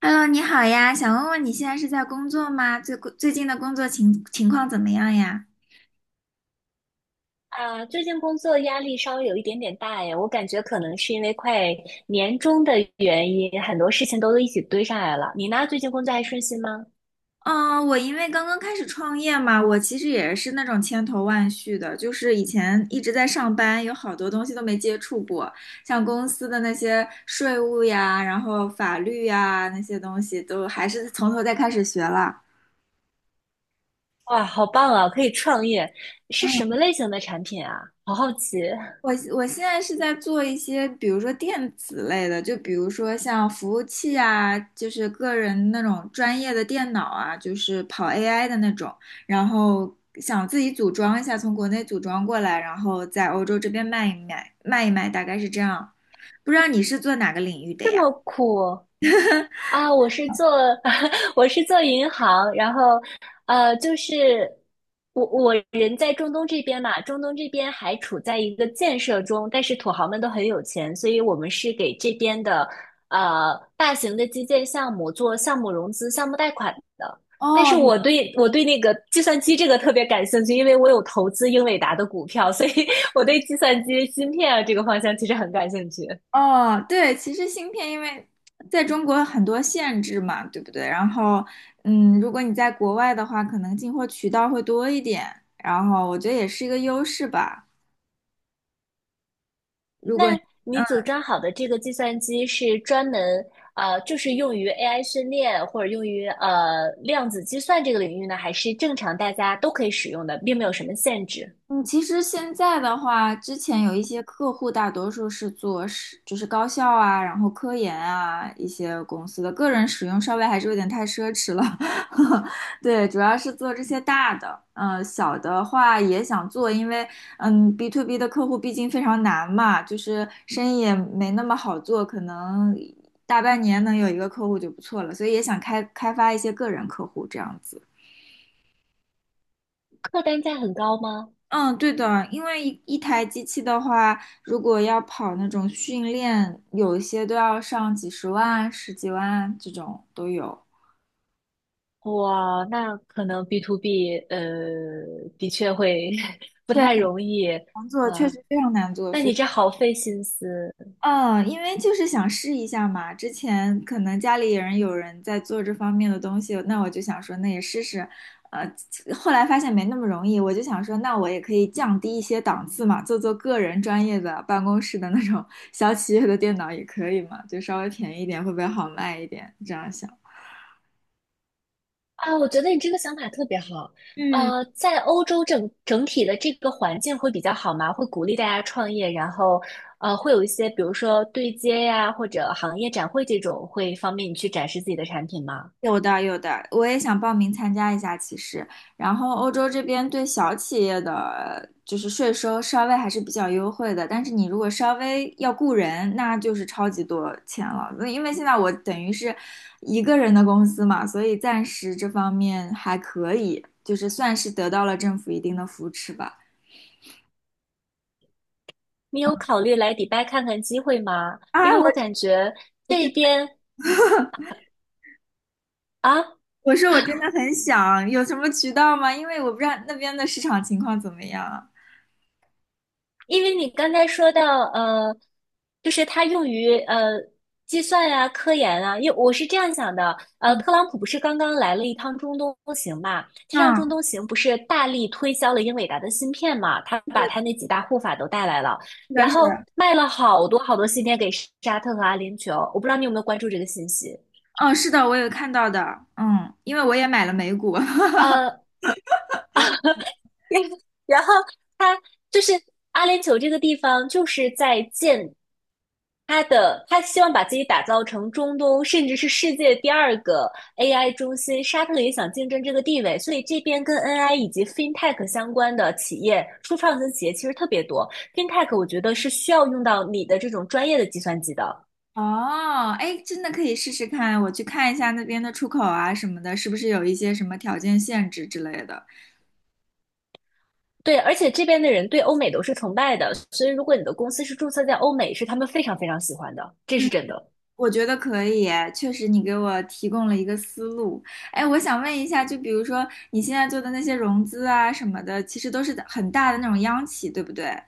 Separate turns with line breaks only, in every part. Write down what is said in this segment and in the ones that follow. Hello，你好呀，想问问你现在是在工作吗？最近的工作情况怎么样呀？
啊，最近工作压力稍微有一点点大耶，我感觉可能是因为快年终的原因，很多事情都一起堆上来了。你呢？最近工作还顺心吗？
嗯，我因为刚刚开始创业嘛，我其实也是那种千头万绪的，就是以前一直在上班，有好多东西都没接触过，像公司的那些税务呀，然后法律呀那些东西，都还是从头再开始学了。
哇，好棒啊，可以创业，是什么
嗯。
类型的产品啊？好好奇，
我现在是在做一些，比如说电子类的，就比如说像服务器啊，就是个人那种专业的电脑啊，就是跑 AI 的那种，然后想自己组装一下，从国内组装过来，然后在欧洲这边卖一卖，大概是这样。不知道你是做哪个领域的
这
呀？
么酷。啊，我是做 我是做银行，然后就是我人在中东这边嘛，中东这边还处在一个建设中，但是土豪们都很有钱，所以我们是给这边的大型的基建项目做项目融资、项目贷款的。但是
哦，
我对那个计算机这个特别感兴趣，因为我有投资英伟达的股票，所以 我对计算机芯片啊这个方向其实很感兴趣。
哦，对，其实芯片因为在中国很多限制嘛，对不对？然后，嗯，如果你在国外的话，可能进货渠道会多一点，然后我觉得也是一个优势吧。如果，
那你
嗯、
组装好的这个计算机是专门就是用于 AI 训练或者用于量子计算这个领域呢，还是正常大家都可以使用的，并没有什么限制？
嗯，其实现在的话，之前有一些客户，大多数是做是就是高校啊，然后科研啊一些公司的，个人使用稍微还是有点太奢侈了。对，主要是做这些大的，小的话也想做，因为嗯，B to B 的客户毕竟非常难嘛，就是生意也没那么好做，可能大半年能有一个客户就不错了，所以也想发一些个人客户这样子。
客单价很高吗？
嗯，对的，因为一台机器的话，如果要跑那种训练，有一些都要上几十万、十几万这种都有。
哇，那可能 B to B 的确会 不
对，很
太容易
难做，确
哇。
实非常难做，
那
所
你
以。
这好费心思。
嗯，因为就是想试一下嘛，之前可能家里人有人在做这方面的东西，那我就想说，那也试试。呃，后来发现没那么容易，我就想说，那我也可以降低一些档次嘛，做做个人专业的办公室的那种小企业的电脑也可以嘛，就稍微便宜一点，会不会好卖一点？这样想。
啊，我觉得你这个想法特别好。
嗯。
呃，在欧洲整体的这个环境会比较好吗？会鼓励大家创业，然后会有一些比如说对接呀，或者行业展会这种，会方便你去展示自己的产品吗？
有的，有的，我也想报名参加一下。其实，然后欧洲这边对小企业的就是税收稍微还是比较优惠的，但是你如果稍微要雇人，那就是超级多钱了。那因为现在我等于是一个人的公司嘛，所以暂时这方面还可以，就是算是得到了政府一定的扶持吧。
你有考虑来迪拜看看机会吗？因
啊，
为我感觉
我
这
真
边啊。
我说我真的很想，有什么渠道吗？因为我不知道那边的市场情况怎么样。
因为你刚才说到，就是它用于计算啊、科研啊，因为我是这样想的，呃，
嗯，
特朗普不是刚刚来了一趟中东行嘛？这趟中
嗯
东行不是大力推销了英伟达的芯片嘛？他把他那几大护法都带来了，
是的，
然
是
后
的。
卖了好多好多芯片给沙特和阿联酋，我不知道你有没有关注这个信息？
哦，是的，我有看到的，嗯，因为我也买了美股。
呃，然后他就是阿联酋这个地方，就是在建他的他希望把自己打造成中东甚至是世界第二个 AI 中心，沙特也想竞争这个地位，所以这边跟 NI 以及 FinTech 相关的企业、初创型企业其实特别多。FinTech 我觉得是需要用到你的这种专业的计算机的，
哦，哎，真的可以试试看，我去看一下那边的出口啊什么的，是不是有一些什么条件限制之类的？
对，而且这边的人对欧美都是崇拜的，所以如果你的公司是注册在欧美，是他们非常非常喜欢的，这是
嗯，
真的。
我觉得可以，确实你给我提供了一个思路。哎，我想问一下，就比如说你现在做的那些融资啊什么的，其实都是很大的那种央企，对不对？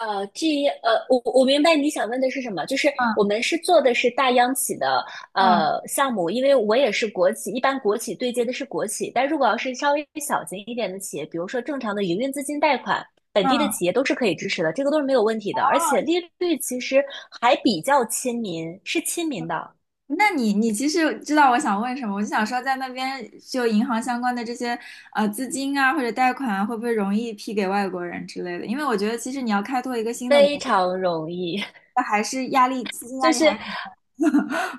至于，我明白你想问的是什么，就是我
嗯
们是做的是大央企的
嗯
项目，因为我也是国企，一般国企对接的是国企，但如果要是稍微小型一点的企业，比如说正常的营运资金贷款，本地的企
嗯。
业都是可以支持的，这个都是没有问题的，而且
哦。
利率其实还比较亲民，是亲民的，
那你你其实知道我想问什么，我就想说，在那边就银行相关的这些资金啊或者贷款啊，会不会容易批给外国人之类的？因为我觉得其实你要开拓一个新的国
非
家，
常容易，
还是压力资金 压
就
力还
是
是很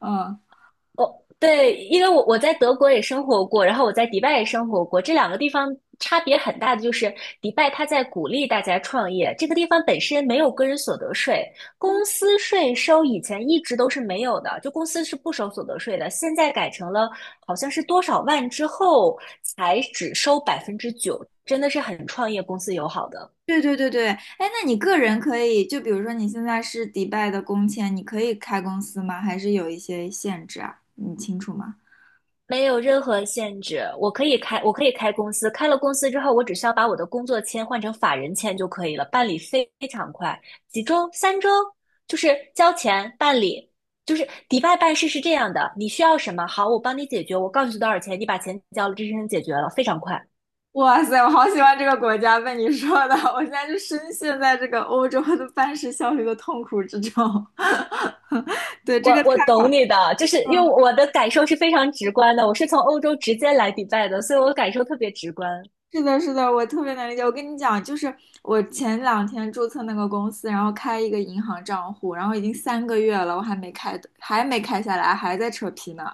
嗯，
哦，对，因为我在德国也生活过，然后我在迪拜也生活过，这两个地方差别很大的就是，迪拜它在鼓励大家创业，这个地方本身没有个人所得税，公司税收以前一直都是没有的，就公司是不收所得税的，现在改成了好像是多少万之后才只收9%，真的是很创业公司友好的。
对对对对，哎，那你个人可以就比如说你现在是迪拜的工签，你可以开公司吗？还是有一些限制啊？你清楚吗？
没有任何限制，我可以开，我可以开公司。开了公司之后，我只需要把我的工作签换成法人签就可以了，办理非常快，几周、3周，就是交钱办理。就是迪拜办事是这样的，你需要什么，好，我帮你解决，我告诉你多少钱，你把钱交了，这事情解决了，非常快。
哇塞，我好喜欢这个国家，被你说的，我现在就深陷在这个欧洲的办事效率的痛苦之中。对，
我
这个太，
我懂你的，就是因为
嗯，
我的感受是非常直观的，我是从欧洲直接来迪拜的，所以我感受特别直观，
是的，是的，我特别能理解。我跟你讲，就是我前两天注册那个公司，然后开一个银行账户，然后已经3个月了，我还没开，还没开下来，还在扯皮呢。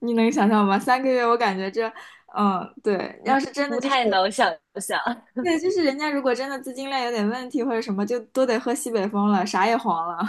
你能想象吗？三个月，我感觉这，嗯，对，要是真的
不
就是，
太能想象。
对，就是人家如果真的资金链有点问题或者什么，就都得喝西北风了，啥也黄了。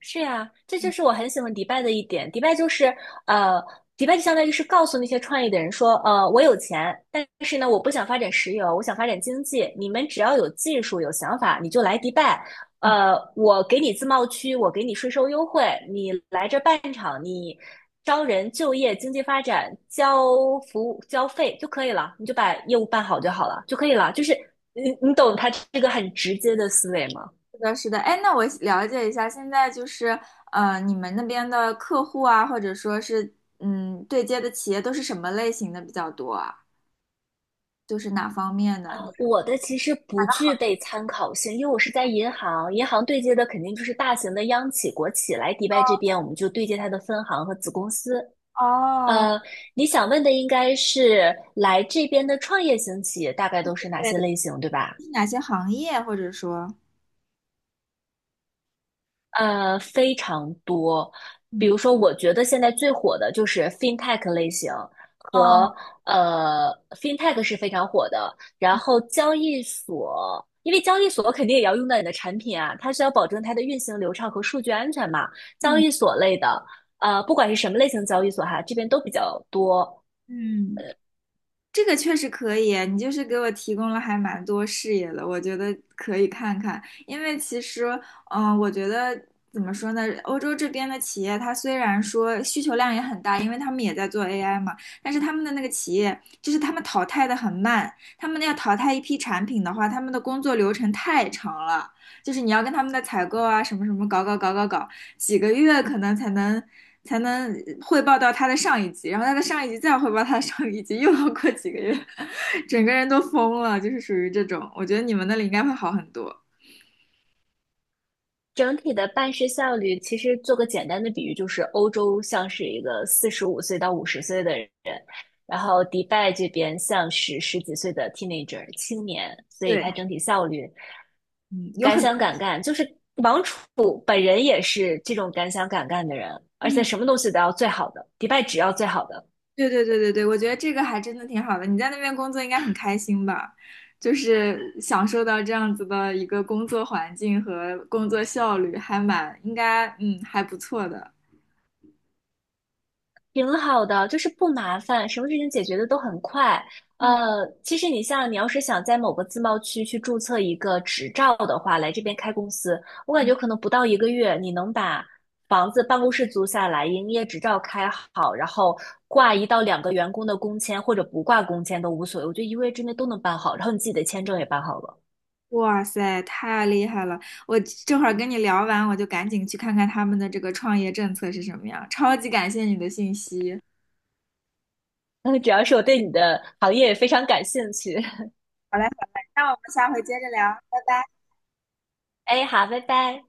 是呀，这就是我很喜欢迪拜的一点。迪拜就是，呃，迪拜就相当于是告诉那些创业的人说，呃，我有钱，但是呢，我不想发展石油，我想发展经济。你们只要有技术、有想法，你就来迪拜。我给你自贸区，我给你税收优惠，你来这办厂，你招人、就业、经济发展、交服务、交费就可以了，你就把业务办好就好了，就可以了。就是你，你懂他这个很直接的思维吗？
是的，是的，哎，那我了解一下，现在就是，你们那边的客户啊，或者说是，嗯，对接的企业都是什么类型的比较多啊？就是哪方面的？
我的其实不具备参考性，因为我是在银行，银行对接的肯定就是大型的央企、国企来迪拜这边，我们就对接它的分行和子公司。
哦，
呃，你想问的应该是来这边的创业型企业大概都是哪
对，
些类型，对吧？
是哪些行业，或者说，
呃，非常多。比
嗯，
如说，我觉得现在最火的就是 fintech 类型
哦，
和fintech 是非常火的。然后交易所，因为交易所肯定也要用到你的产品啊，它需要保证它的运行流畅和数据安全嘛。交易
嗯
所类的，呃，不管是什么类型交易所哈，这边都比较多。
嗯。这个确实可以，你就是给我提供了还蛮多视野的，我觉得可以看看。因为其实，我觉得怎么说呢，欧洲这边的企业，它虽然说需求量也很大，因为他们也在做 AI 嘛，但是他们的那个企业，就是他们淘汰的很慢，他们要淘汰一批产品的话，他们的工作流程太长了，就是你要跟他们的采购啊，什么什么搞搞搞搞搞，几个月可能才能才能汇报到他的上一级，然后他的上一级再汇报他的上一级，又要过几个月，整个人都疯了，就是属于这种。我觉得你们那里应该会好很多。
整体的办事效率，其实做个简单的比喻，就是欧洲像是一个45岁到50岁的人，然后迪拜这边像是十几岁的 teenager 青年，所以
对，
它整体效率
嗯，有
敢
很多，
想敢干，就是王楚本人也是这种敢想敢干的人，而且
嗯，
什么东西都要最好的，迪拜只要最好的。
对对对对对，我觉得这个还真的挺好的。你在那边工作应该很开心吧？就是享受到这样子的一个工作环境和工作效率，还蛮应该，嗯，还不错的。
挺好的，就是不麻烦，什么事情解决的都很快。呃，其实你像你要是想在某个自贸区去注册一个执照的话，来这边开公司，我感觉可能不到一个月，你能把房子、办公室租下来，营业执照开好，然后挂1到2个员工的工签，或者不挂工签都无所谓，我觉得一个月之内都能办好，然后你自己的签证也办好了。
哇塞，太厉害了！我这会儿跟你聊完，我就赶紧去看看他们的这个创业政策是什么样。超级感谢你的信息。
嗯，主要是我对你的行业也非常感兴趣。
好嘞，好嘞，那我们下回接着聊，拜拜。
哎，好，拜拜。